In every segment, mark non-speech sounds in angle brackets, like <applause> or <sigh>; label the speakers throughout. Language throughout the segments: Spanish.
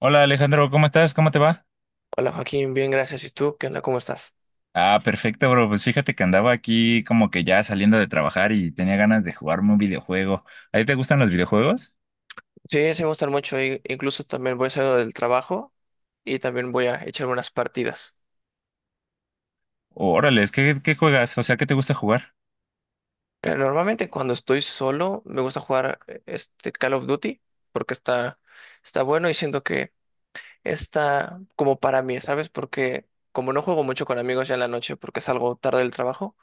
Speaker 1: Hola Alejandro, ¿cómo estás? ¿Cómo te va?
Speaker 2: Hola Joaquín, bien, gracias. ¿Y tú? ¿Qué onda? ¿Cómo estás?
Speaker 1: Ah, perfecto, bro. Pues fíjate que andaba aquí como que ya saliendo de trabajar y tenía ganas de jugarme un videojuego. ¿A ti te gustan los videojuegos?
Speaker 2: Sí, sí me gustan mucho. Incluso también voy saliendo del trabajo y también voy a echar unas partidas.
Speaker 1: Órale, ¿qué juegas? O sea, ¿qué te gusta jugar?
Speaker 2: Pero normalmente cuando estoy solo me gusta jugar este Call of Duty porque está bueno y siento que está como para mí, ¿sabes? Porque como no juego mucho con amigos ya en la noche porque salgo tarde del trabajo,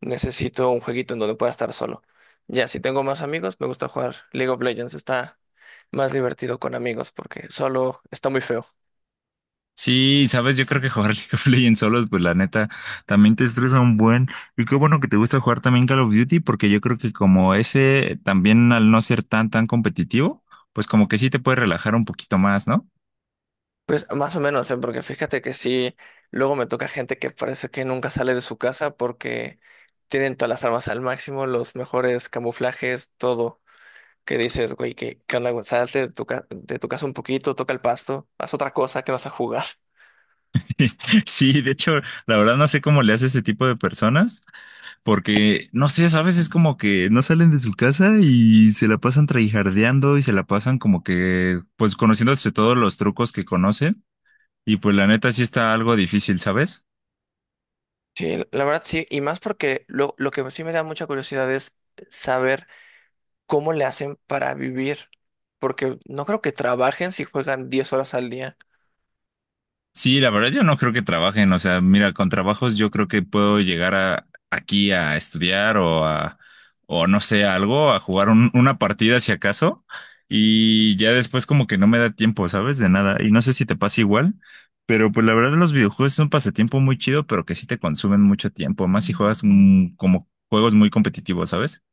Speaker 2: necesito un jueguito en donde pueda estar solo. Ya, si tengo más amigos, me gusta jugar League of Legends. Está más divertido con amigos porque solo está muy feo.
Speaker 1: Sí, sabes, yo creo que jugar <laughs> League of Legends solos, pues la neta, también te estresa un buen. Y qué bueno que te gusta jugar también Call of Duty, porque yo creo que como ese también al no ser tan competitivo, pues como que sí te puede relajar un poquito más, ¿no?
Speaker 2: Pues más o menos, ¿eh? Porque fíjate que sí, luego me toca gente que parece que nunca sale de su casa porque tienen todas las armas al máximo, los mejores camuflajes, todo. Que dices, güey, ¿qué onda, güey? Salte de tu, de tu casa un poquito, toca el pasto, haz otra cosa que no a jugar. <laughs>
Speaker 1: <laughs> Sí, de hecho, la verdad no sé cómo le hace ese tipo de personas. Porque, no sé, ¿sabes? Es como que no salen de su casa y se la pasan traijardeando y se la pasan como que, pues, conociéndose todos los trucos que conocen. Y pues la neta sí está algo difícil, ¿sabes?
Speaker 2: Sí, la verdad sí, y más porque lo que sí me da mucha curiosidad es saber cómo le hacen para vivir, porque no creo que trabajen si juegan 10 horas al día.
Speaker 1: Sí, la verdad yo no creo que trabajen, o sea, mira, con trabajos yo creo que puedo llegar a, aquí a estudiar o a, o no sé, a algo, a jugar una partida si acaso, y ya después como que no me da tiempo, ¿sabes? De nada, y no sé si te pasa igual, pero pues la verdad los videojuegos es un pasatiempo muy chido, pero que sí te consumen mucho tiempo, más si juegas como juegos muy competitivos, ¿sabes?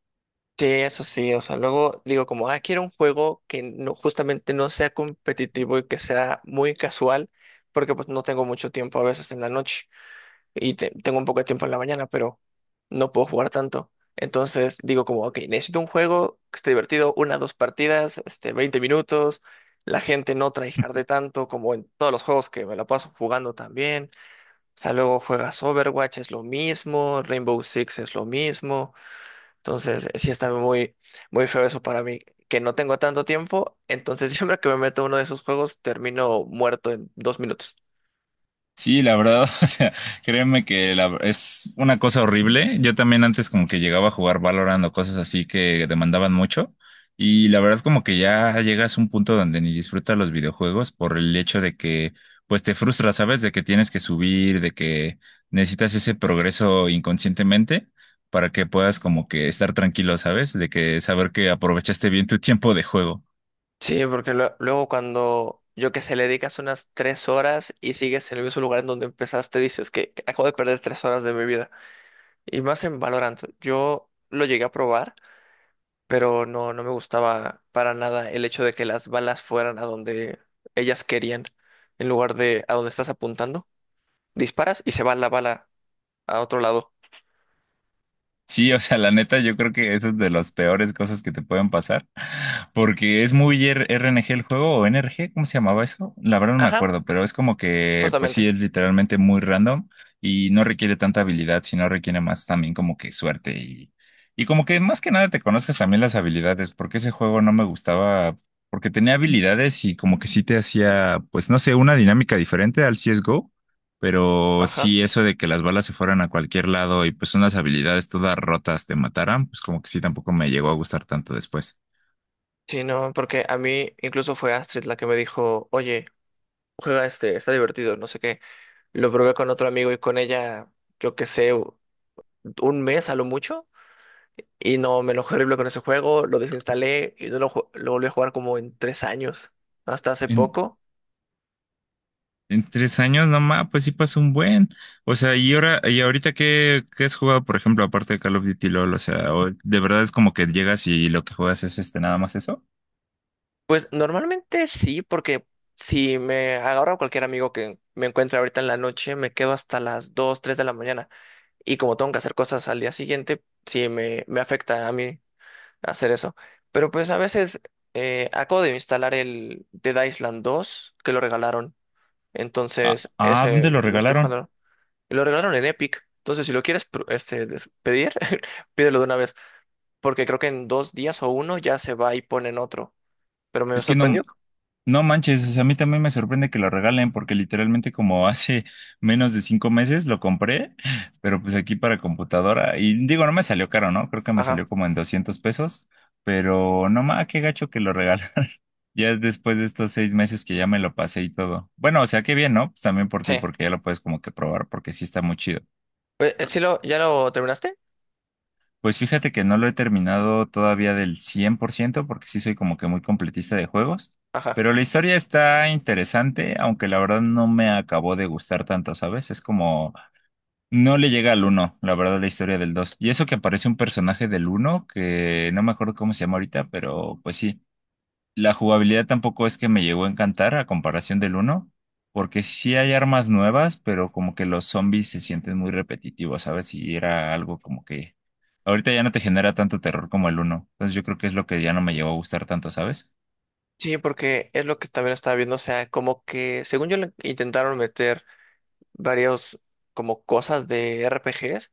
Speaker 2: Sí, eso sí, o sea, luego digo como, ah, quiero un juego que no, justamente no sea competitivo y que sea muy casual, porque pues no tengo mucho tiempo a veces en la noche y tengo un poco de tiempo en la mañana, pero no puedo jugar tanto. Entonces digo como, ok, necesito un juego que esté divertido, una, dos partidas, 20 minutos, la gente no de tanto como en todos los juegos que me la paso jugando también. O sea, luego juegas Overwatch, es lo mismo, Rainbow Six es lo mismo. Entonces, sí está muy feo eso para mí, que no tengo tanto tiempo, entonces <laughs> siempre que me meto a uno de esos juegos termino muerto en 2 minutos.
Speaker 1: Sí, la verdad, <laughs> o sea, créeme que es una cosa horrible. Yo también antes como que llegaba a jugar Valorant o cosas así que demandaban mucho. Y la verdad como que ya llegas a un punto donde ni disfrutas los videojuegos por el hecho de que pues te frustras, ¿sabes? De que tienes que subir, de que necesitas ese progreso inconscientemente para que puedas como que estar tranquilo, ¿sabes? De que saber que aprovechaste bien tu <laughs> tiempo de juego.
Speaker 2: Sí, porque luego cuando yo que sé, le dedicas unas 3 horas y sigues en el mismo lugar en donde empezaste, dices que acabo de perder 3 horas de mi vida. Y más en Valorant, yo lo llegué a probar, pero no, no me gustaba para nada el hecho de que las balas fueran a donde ellas querían, en lugar de a donde estás apuntando. Disparas y se va la bala a otro lado.
Speaker 1: Sí, o sea, la neta, yo creo que eso es de las peores cosas que te pueden pasar. Porque es muy RNG el juego, o NRG, ¿cómo se llamaba eso? La verdad no me
Speaker 2: Ajá,
Speaker 1: acuerdo, pero es como que, pues sí,
Speaker 2: justamente.
Speaker 1: es literalmente muy random y no requiere tanta habilidad, sino requiere más también como que suerte y como que más que nada te conozcas también las habilidades, porque ese juego no me gustaba, porque tenía habilidades y como que sí te hacía, pues no sé, una dinámica diferente al CSGO, pero
Speaker 2: Ajá.
Speaker 1: sí eso de que las balas se fueran a cualquier lado y pues unas habilidades todas rotas te mataran, pues como que sí tampoco me llegó a gustar tanto después.
Speaker 2: Sí, no, porque a mí incluso fue Astrid la que me dijo, oye, juega este, está divertido, no sé qué. Lo probé con otro amigo y con ella, yo qué sé, un mes a lo mucho. Y no, me enojé horrible con ese juego, lo desinstalé y no lo volví a jugar como en 3 años, hasta hace poco.
Speaker 1: En tres años nomás, pues sí pasa un buen. O sea, y ahora, y ahorita qué, ¿qué has jugado? Por ejemplo, aparte de Call of Duty LOL, o sea, o- de verdad es como que llegas y lo que juegas es este nada más eso.
Speaker 2: Pues normalmente sí, porque si me agarro a cualquier amigo que me encuentre ahorita en la noche, me quedo hasta las 2 3 de la mañana. Y como tengo que hacer cosas al día siguiente, sí me afecta a mí hacer eso. Pero pues a veces acabo de instalar el Dead Island 2 que lo regalaron.
Speaker 1: Ah,
Speaker 2: Entonces,
Speaker 1: ah, ¿dónde
Speaker 2: ese
Speaker 1: lo
Speaker 2: lo estoy
Speaker 1: regalaron?
Speaker 2: jugando. Lo regalaron en Epic. Entonces, si lo quieres pedir, <laughs> pídelo de una vez. Porque creo que en 2 días o uno ya se va y ponen otro. Pero me
Speaker 1: Es que no,
Speaker 2: sorprendió.
Speaker 1: no manches, o sea, a mí también me sorprende que lo regalen, porque literalmente como <laughs> hace menos de 5 meses lo compré, pero pues aquí para computadora, y digo, no me salió caro, ¿no? Creo que me
Speaker 2: Ajá.
Speaker 1: salió como en 200 pesos, pero no más, qué gacho que lo regalaron. Ya después de estos 6 meses que ya me lo pasé y todo. Bueno, o sea, qué bien, ¿no? Pues también por
Speaker 2: Sí.
Speaker 1: ti, porque ya lo puedes como que probar, porque sí está muy chido.
Speaker 2: Pues, ¿sí lo, ya lo terminaste?
Speaker 1: Pues fíjate que no lo he terminado todavía del 100% porque sí soy como que muy completista de juegos.
Speaker 2: Ajá.
Speaker 1: Pero la historia está interesante, aunque la verdad no me acabó de gustar tanto, ¿sabes? Es como, no le llega al uno, la verdad, la historia del dos. Y eso que aparece un personaje del uno, que no me acuerdo cómo se llama ahorita, pero pues sí. La jugabilidad tampoco es que me llegó a encantar a comparación del uno, porque sí hay armas nuevas, pero como que los zombies se sienten muy repetitivos, ¿sabes? Y era algo como que ahorita ya no te genera tanto terror como el uno. Entonces yo creo que es lo que ya no me llegó a gustar tanto, ¿sabes?
Speaker 2: Sí, porque es lo que también estaba viendo. O sea, como que según yo le intentaron meter varios como cosas de RPGs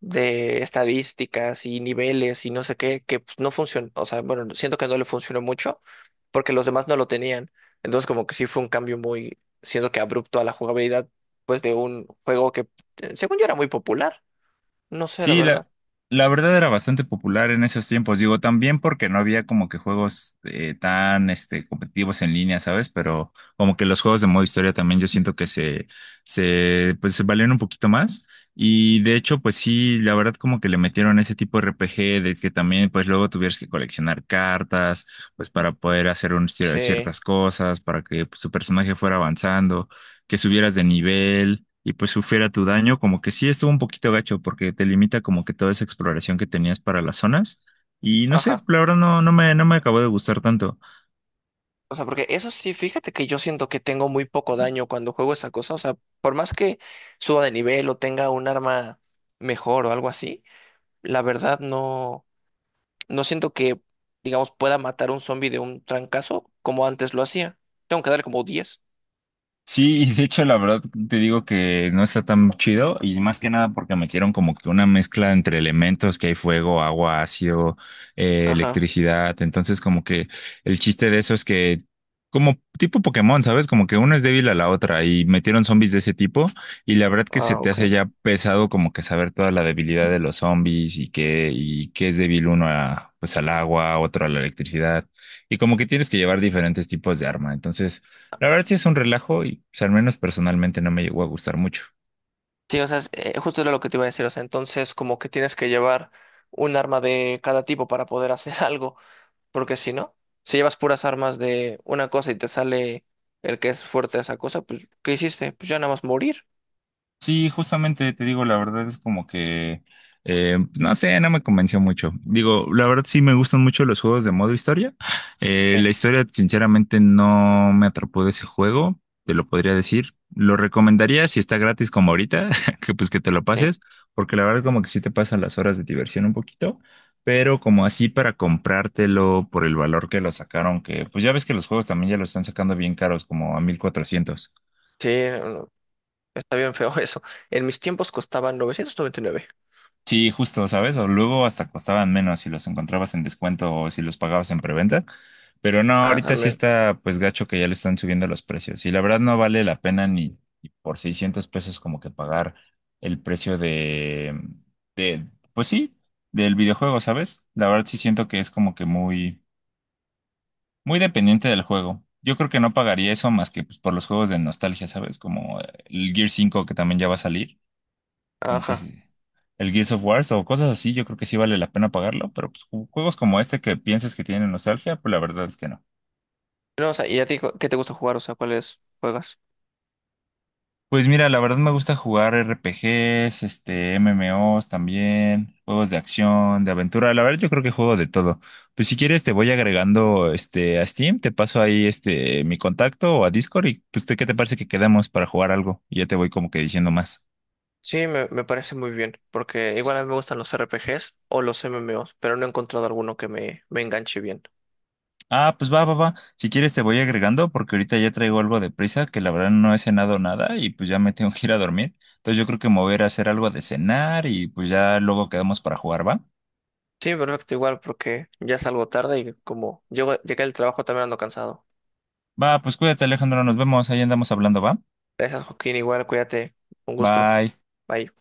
Speaker 2: de estadísticas y niveles y no sé qué, que pues, no funcionó, o sea, bueno, siento que no le funcionó mucho porque los demás no lo tenían. Entonces como que sí fue un cambio muy, siento que abrupto a la jugabilidad, pues de un juego que según yo era muy popular, no sé, la
Speaker 1: Sí,
Speaker 2: verdad.
Speaker 1: la verdad era bastante popular en esos tiempos, digo, también porque no había como que juegos tan este, competitivos en línea, ¿sabes? Pero como que los juegos de modo historia también yo siento que pues, se valieron un poquito más. Y de hecho, pues sí, la verdad como que le metieron ese tipo de RPG de que también pues luego tuvieras que coleccionar cartas, pues para poder hacer un
Speaker 2: Sí,
Speaker 1: ciertas cosas, para que pues, tu personaje fuera avanzando, que subieras de nivel y pues sufriera tu daño, como que sí estuvo un poquito gacho porque te limita como que toda esa exploración que tenías para las zonas. Y no sé,
Speaker 2: ajá.
Speaker 1: la verdad no, no me acabó de gustar tanto.
Speaker 2: O sea, porque eso sí, fíjate que yo siento que tengo muy poco daño cuando juego esa cosa. O sea, por más que suba de nivel o tenga un arma mejor o algo así, la verdad no. No siento que, digamos, pueda matar un zombie de un trancazo como antes lo hacía. Tengo que darle como 10.
Speaker 1: Sí, y de hecho la verdad te digo que no está tan chido y más que nada porque metieron como que una mezcla entre elementos que hay fuego, agua, ácido,
Speaker 2: Ajá.
Speaker 1: electricidad, entonces como que el chiste de eso es que como tipo Pokémon, ¿sabes? Como que una es débil a la otra y metieron zombies de ese tipo y la verdad que se
Speaker 2: Ah,
Speaker 1: te hace
Speaker 2: ok.
Speaker 1: ya pesado como que saber toda la debilidad de los zombies y que y qué es débil uno a pues al agua, otro a la electricidad y como que tienes que llevar diferentes tipos de arma, entonces la verdad sí es un relajo y pues, al menos personalmente no me llegó a gustar mucho.
Speaker 2: Sí, o sea, justo era lo que te iba a decir. O sea, entonces como que tienes que llevar un arma de cada tipo para poder hacer <laughs> algo. Porque si no, si llevas puras armas de una cosa y te sale el que es fuerte de esa cosa, pues, ¿qué hiciste? Pues ya nada más morir.
Speaker 1: Sí, justamente te digo, la verdad es como que, no sé, no me convenció mucho. Digo, la verdad sí me gustan mucho los juegos de modo historia.
Speaker 2: Sí,
Speaker 1: La historia, sinceramente, no me atrapó de ese juego, te lo podría decir. Lo recomendaría si está gratis como ahorita, <laughs> que pues que te lo
Speaker 2: eh.
Speaker 1: pases, porque la verdad como que sí te pasan las horas de diversión un poquito, pero como así para comprártelo por el valor que lo sacaron, que pues ya ves que los juegos también ya lo están sacando bien caros, como a 1400.
Speaker 2: Sí, no, no, está bien feo <laughs> eso. En mis tiempos costaban 999.
Speaker 1: Sí, justo, ¿sabes? O luego hasta costaban menos si los encontrabas en descuento o si los pagabas en preventa. Pero no,
Speaker 2: Ah,
Speaker 1: ahorita sí
Speaker 2: también.
Speaker 1: está pues gacho que ya le están subiendo los precios. Y la verdad no vale la pena ni por 600 pesos como que pagar el precio de, pues sí, del videojuego, ¿sabes? La verdad sí siento que es como que muy, muy dependiente del juego. Yo creo que no pagaría eso más que pues, por los juegos de nostalgia, ¿sabes? Como el Gear cinco que también ya va a salir, como que
Speaker 2: Ajá.
Speaker 1: sí, el Gears of War o cosas así, yo creo que sí vale la pena pagarlo, pero pues, juegos como este que piensas que tienen nostalgia, pues la verdad es que no.
Speaker 2: No, o sea, ¿y a ti qué te gusta jugar? O sea, ¿cuáles juegas?
Speaker 1: Pues mira, la verdad me gusta jugar RPGs, este, MMOs también, juegos de acción, de aventura, la verdad yo creo que juego de todo. Pues si quieres te voy agregando este a Steam, te paso ahí este mi contacto o a Discord y pues te- ¿qué te parece que quedamos para jugar algo? Y ya te voy como que diciendo más.
Speaker 2: Sí, me parece muy bien, porque igual a mí me gustan los RPGs o los MMOs, pero no he encontrado alguno que me enganche bien.
Speaker 1: Ah, pues va, va, va. Si quieres te voy agregando porque ahorita ya traigo algo de prisa que la verdad no he cenado nada y pues ya me tengo que ir a dormir. Entonces yo creo que me voy a ir a hacer algo de cenar y pues ya luego quedamos para jugar, ¿va?
Speaker 2: Sí, perfecto, igual, porque ya salgo tarde y como llego, llegué al trabajo también ando cansado.
Speaker 1: Va, pues cuídate, Alejandro, nos vemos, ahí andamos hablando, ¿va?
Speaker 2: Gracias, Joaquín, igual, cuídate. Un gusto.
Speaker 1: Bye.
Speaker 2: Bye.